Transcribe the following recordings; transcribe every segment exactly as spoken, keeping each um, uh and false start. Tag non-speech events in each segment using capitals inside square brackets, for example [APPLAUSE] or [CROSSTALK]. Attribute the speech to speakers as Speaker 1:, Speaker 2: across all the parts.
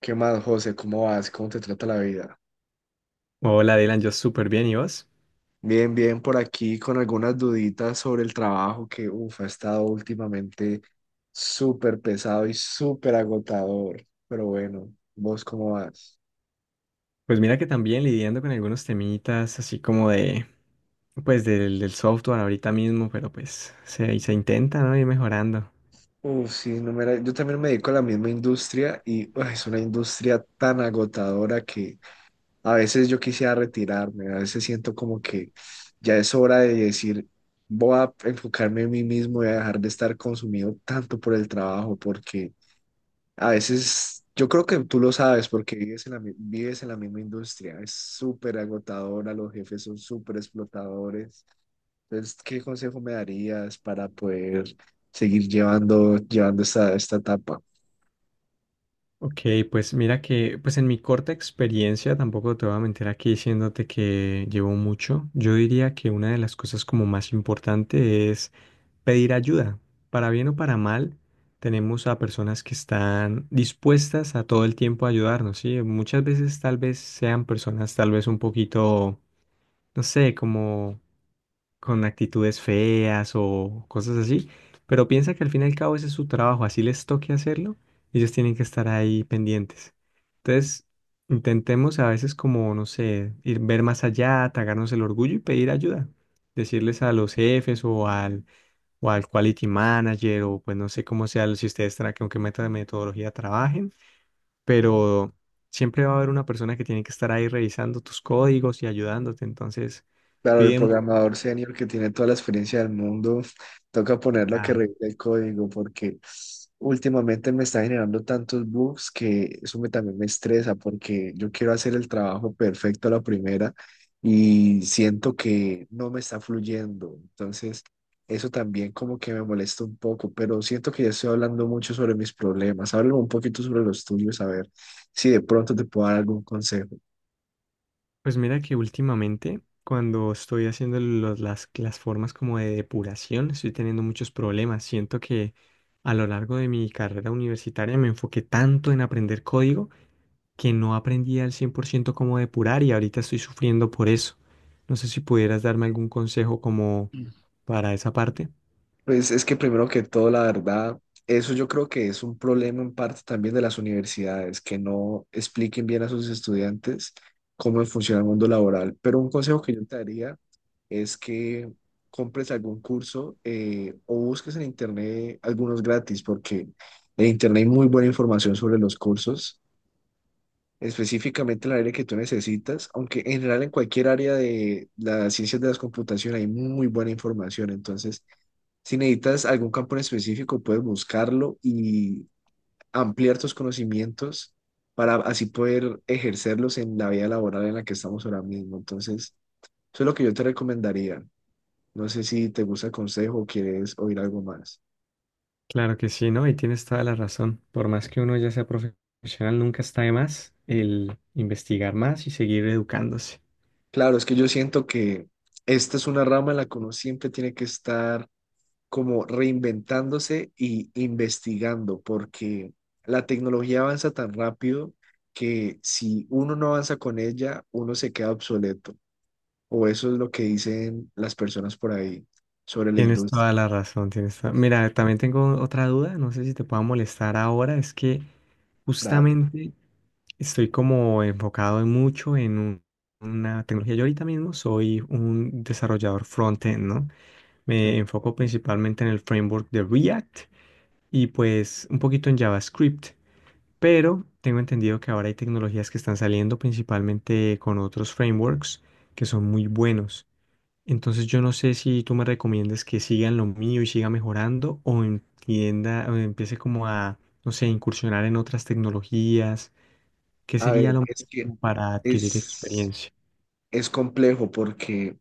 Speaker 1: ¿Qué más, José? ¿Cómo vas? ¿Cómo te trata la vida?
Speaker 2: Hola Dylan, yo súper bien, ¿y vos?
Speaker 1: Bien, bien, por aquí con algunas duditas sobre el trabajo que, uff, ha estado últimamente súper pesado y súper agotador. Pero bueno, ¿vos cómo vas?
Speaker 2: Pues mira que también lidiando con algunos temitas así como de, pues del, del software ahorita mismo, pero pues se, se intenta, ¿no? Ir mejorando.
Speaker 1: Uff, sí, no me la- yo también me dedico a la misma industria y uah, es una industria tan agotadora que a veces yo quisiera retirarme, a veces siento como que ya es hora de decir, voy a enfocarme en mí mismo y a dejar de estar consumido tanto por el trabajo porque... A veces, yo creo que tú lo sabes porque vives en la, mi- vives en la misma industria, es súper agotadora, los jefes son súper explotadores. Entonces, ¿qué consejo me darías para poder seguir llevando, llevando esta, esta etapa?
Speaker 2: Ok, pues mira que, pues en mi corta experiencia, tampoco te voy a mentir aquí diciéndote que llevo mucho. Yo diría que una de las cosas como más importante es pedir ayuda. Para bien o para mal, tenemos a personas que están dispuestas a todo el tiempo a ayudarnos, ¿sí? Muchas veces tal vez sean personas tal vez un poquito, no sé, como con actitudes feas o cosas así, pero piensa que al fin y al cabo ese es su trabajo, así les toque hacerlo, ellos tienen que estar ahí pendientes. Entonces, intentemos a veces como, no sé, ir ver más allá, tragarnos el orgullo y pedir ayuda. Decirles a los jefes o al o al quality manager, o pues no sé cómo sea, si ustedes tra- con qué meta- de metodología trabajen, pero siempre va a haber una persona que tiene que estar ahí revisando tus códigos y ayudándote, entonces
Speaker 1: Claro, el
Speaker 2: pide mu-
Speaker 1: programador senior que tiene toda la experiencia del mundo, toca ponerlo a que
Speaker 2: Ah,
Speaker 1: revise el código porque últimamente me está generando tantos bugs que eso me, también me estresa porque yo quiero hacer el trabajo perfecto a la primera y siento que no me está fluyendo. Entonces, eso también como que me molesta un poco, pero siento que ya estoy hablando mucho sobre mis problemas. Háblame un poquito sobre los tuyos, a ver si de pronto te puedo dar algún consejo.
Speaker 2: pues mira que últimamente cuando estoy haciendo los- las, las formas como de depuración, estoy teniendo muchos problemas, siento que a lo largo de mi carrera universitaria me enfoqué tanto en aprender código que no aprendí al cien por ciento cómo depurar y ahorita estoy sufriendo por eso. No sé si pudieras darme algún consejo como para esa parte.
Speaker 1: Pues es que primero que todo, la verdad, eso yo creo que es un problema en parte también de las universidades, que no expliquen bien a sus estudiantes cómo funciona el mundo laboral. Pero un consejo que yo te daría es que compres algún curso eh, o busques en internet algunos gratis, porque en internet hay muy buena información sobre los cursos, específicamente en el área que tú necesitas, aunque en general en cualquier área de las ciencias de las computación hay muy buena información. Entonces... Si necesitas algún campo en específico, puedes buscarlo y ampliar tus conocimientos para así poder ejercerlos en la vida laboral en la que estamos ahora mismo. Entonces, eso es lo que yo te recomendaría. No sé si te gusta el consejo o quieres oír algo más.
Speaker 2: Claro que sí, ¿no? Y tienes toda la razón. Por más que uno ya sea profesional, nunca está de más el investigar más y seguir educándose.
Speaker 1: Claro, es que yo siento que esta es una rama en la que uno siempre tiene que estar como reinventándose y investigando, porque la tecnología avanza tan rápido que si uno no avanza con ella, uno se queda obsoleto. O eso es lo que dicen las personas por ahí sobre la
Speaker 2: Tienes
Speaker 1: industria.
Speaker 2: toda la razón, tienes toda- Mira, también tengo otra duda, no sé si te pueda molestar ahora, es que
Speaker 1: Dale.
Speaker 2: justamente estoy como enfocado en mucho en un- una tecnología. Yo ahorita mismo soy un desarrollador front-end, ¿no? Me enfoco principalmente en el framework de React y pues un poquito en JavaScript, pero tengo entendido que ahora hay tecnologías que están saliendo principalmente con otros frameworks que son muy buenos. Entonces yo no sé si tú me recomiendas que sigan lo mío y siga mejorando o entienda o empiece como a, no sé, incursionar en otras tecnologías. ¿Qué
Speaker 1: A ver,
Speaker 2: sería lo mejor
Speaker 1: es que
Speaker 2: como para adquirir
Speaker 1: es,
Speaker 2: experiencia?
Speaker 1: es complejo porque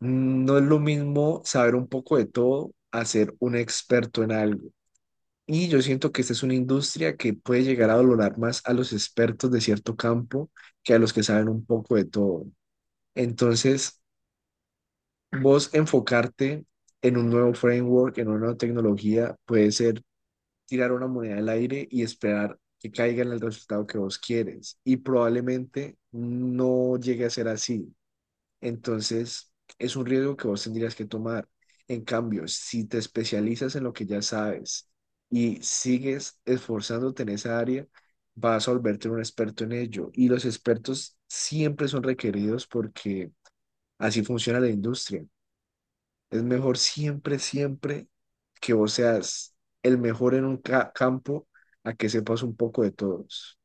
Speaker 1: no es lo mismo saber un poco de todo a ser un experto en algo. Y yo siento que esta es una industria que puede llegar a valorar más a los expertos de cierto campo que a los que saben un poco de todo. Entonces, vos enfocarte en un nuevo framework, en una nueva tecnología, puede ser tirar una moneda al aire y esperar que caiga en el resultado que vos quieres. Y probablemente no llegue a ser así. Entonces, es un riesgo que vos tendrías que tomar. En cambio, si te especializas en lo que ya sabes y sigues esforzándote en esa área, vas a volverte un experto en ello. Y los expertos siempre son requeridos porque así funciona la industria. Es mejor siempre, siempre que vos seas el mejor en un ca- campo a que sepas un poco de todos.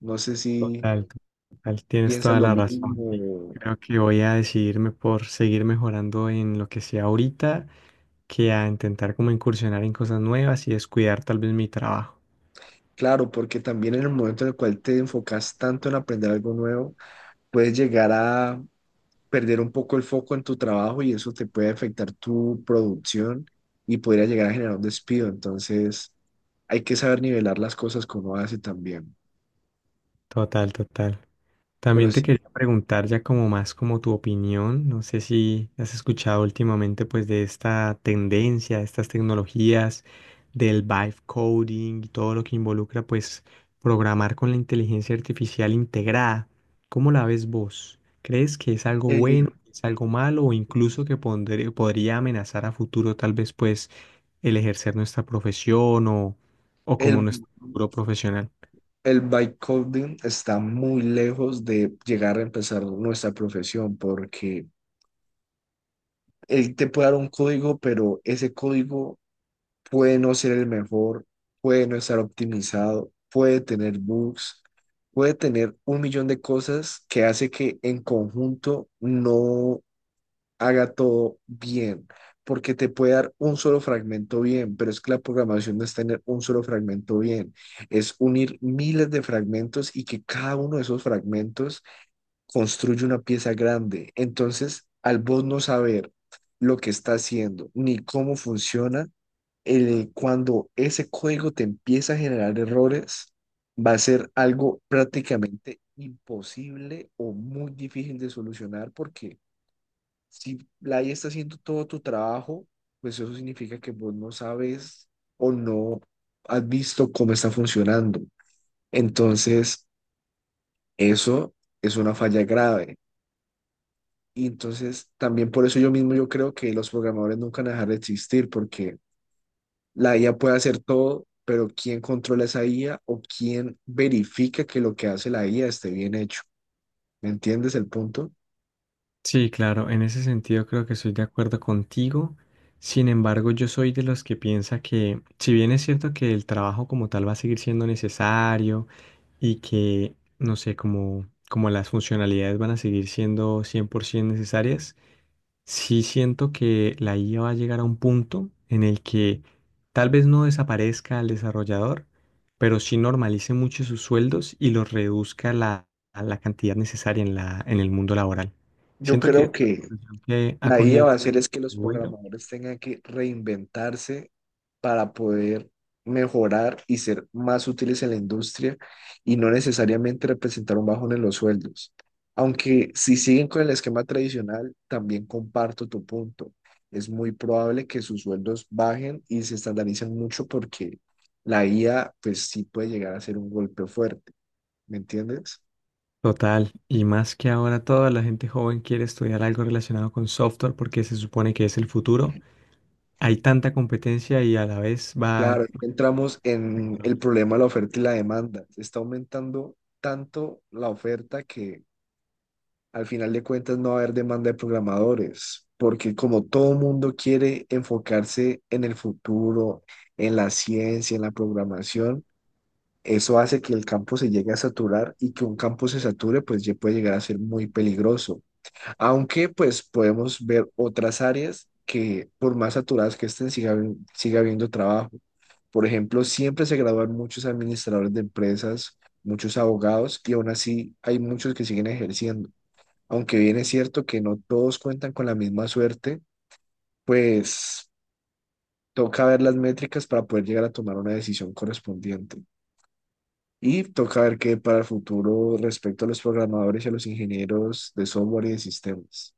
Speaker 1: No sé si
Speaker 2: Total, total, tienes
Speaker 1: piensas
Speaker 2: toda
Speaker 1: lo
Speaker 2: la razón. Sí.
Speaker 1: mismo.
Speaker 2: Creo que voy a decidirme por seguir mejorando en lo que sea ahorita que a intentar como incursionar en cosas nuevas y descuidar tal vez mi trabajo.
Speaker 1: Claro, porque también en el momento en el cual te enfocas tanto en aprender algo nuevo, puedes llegar a perder un poco el foco en tu trabajo y eso te puede afectar tu producción y podría llegar a generar un despido. Entonces, hay que saber nivelar las cosas que uno hace también.
Speaker 2: Total, total.
Speaker 1: Pero
Speaker 2: También te
Speaker 1: sí,
Speaker 2: quería preguntar ya como más como tu opinión, no sé si has escuchado últimamente pues de esta tendencia, estas tecnologías del vibe coding y todo lo que involucra pues programar con la inteligencia artificial integrada. ¿Cómo la ves vos? ¿Crees que es algo
Speaker 1: eh,
Speaker 2: bueno, es algo malo o incluso que pondré- podría amenazar a futuro tal vez pues el ejercer nuestra profesión o, o como
Speaker 1: el,
Speaker 2: nuestro futuro profesional?
Speaker 1: El vibe está muy lejos de llegar a empezar nuestra profesión porque él te puede dar un código, pero ese código puede no ser el mejor, puede no estar optimizado, puede tener bugs, puede tener un millón de cosas que hace que en conjunto no haga todo bien, porque te puede dar un solo fragmento bien, pero es que la programación no es tener un solo fragmento bien, es unir miles de fragmentos y que cada uno de esos fragmentos construye una pieza grande. Entonces, al vos no saber lo que está haciendo ni cómo funciona, el- cuando ese código te empieza a generar errores, va a ser algo prácticamente imposible o muy difícil de solucionar porque si la I A está haciendo todo tu trabajo, pues eso significa que vos no sabes o no has visto cómo está funcionando. Entonces, eso es una falla grave. Y entonces, también por eso yo mismo yo creo que los programadores nunca van a dejar de existir, porque la I A puede hacer todo, pero ¿quién controla esa I A o quién verifica que lo que hace la I A esté bien hecho? ¿Me entiendes el punto?
Speaker 2: Sí, claro, en ese sentido creo que estoy de acuerdo contigo. Sin embargo, yo soy de los que piensa que, si bien es cierto que el trabajo como tal va a seguir siendo necesario y que, no sé, como, como las funcionalidades van a seguir siendo cien por ciento necesarias, sí siento que la I A va a llegar a un punto en el que tal vez no desaparezca al desarrollador, pero sí normalice mucho sus sueldos y los reduzca la, a la cantidad necesaria en la, en el mundo laboral.
Speaker 1: Yo
Speaker 2: Siento que es
Speaker 1: creo
Speaker 2: una
Speaker 1: que
Speaker 2: profesión que ha
Speaker 1: la I A
Speaker 2: cogido
Speaker 1: va a hacer es que los
Speaker 2: bueno.
Speaker 1: programadores tengan que reinventarse para poder mejorar y ser más útiles en la industria y no necesariamente representar un bajón en los sueldos. Aunque si siguen con el esquema tradicional, también comparto tu punto. Es muy probable que sus sueldos bajen y se estandaricen mucho porque la I A pues sí puede llegar a ser un golpe fuerte, ¿me entiendes?
Speaker 2: Total, y más que ahora toda la gente joven quiere estudiar algo relacionado con software porque se supone que es el futuro. Hay tanta competencia y a la vez va.
Speaker 1: Claro, entramos en el problema de la oferta y la demanda. Se está aumentando tanto la oferta que al final de cuentas no va a haber demanda de programadores, porque como todo mundo quiere enfocarse en el futuro, en la ciencia, en la programación, eso hace que el campo se llegue a saturar y que un campo se sature, pues ya puede llegar a ser muy peligroso. Aunque pues podemos ver otras áreas que por más saturadas que estén, siga, habi- siga habiendo trabajo. Por ejemplo, siempre se gradúan muchos administradores de empresas, muchos abogados y aún así hay muchos que siguen ejerciendo. Aunque bien es cierto que no todos cuentan con la misma suerte, pues toca ver las métricas para poder llegar a tomar una decisión correspondiente. Y toca ver qué para el futuro respecto a los programadores y a los ingenieros de software y de sistemas.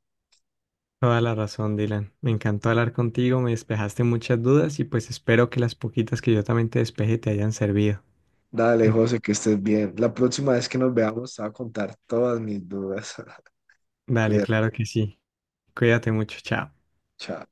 Speaker 2: Toda la razón, Dylan. Me encantó hablar contigo, me despejaste muchas dudas y pues espero que las poquitas que yo también te despeje te hayan servido.
Speaker 1: Dale,
Speaker 2: Eh,
Speaker 1: José, que estés bien. La próxima vez que nos veamos, te voy a contar todas mis dudas. [LAUGHS]
Speaker 2: Dale,
Speaker 1: Cuídate,
Speaker 2: claro que sí. Cuídate mucho, chao.
Speaker 1: chao.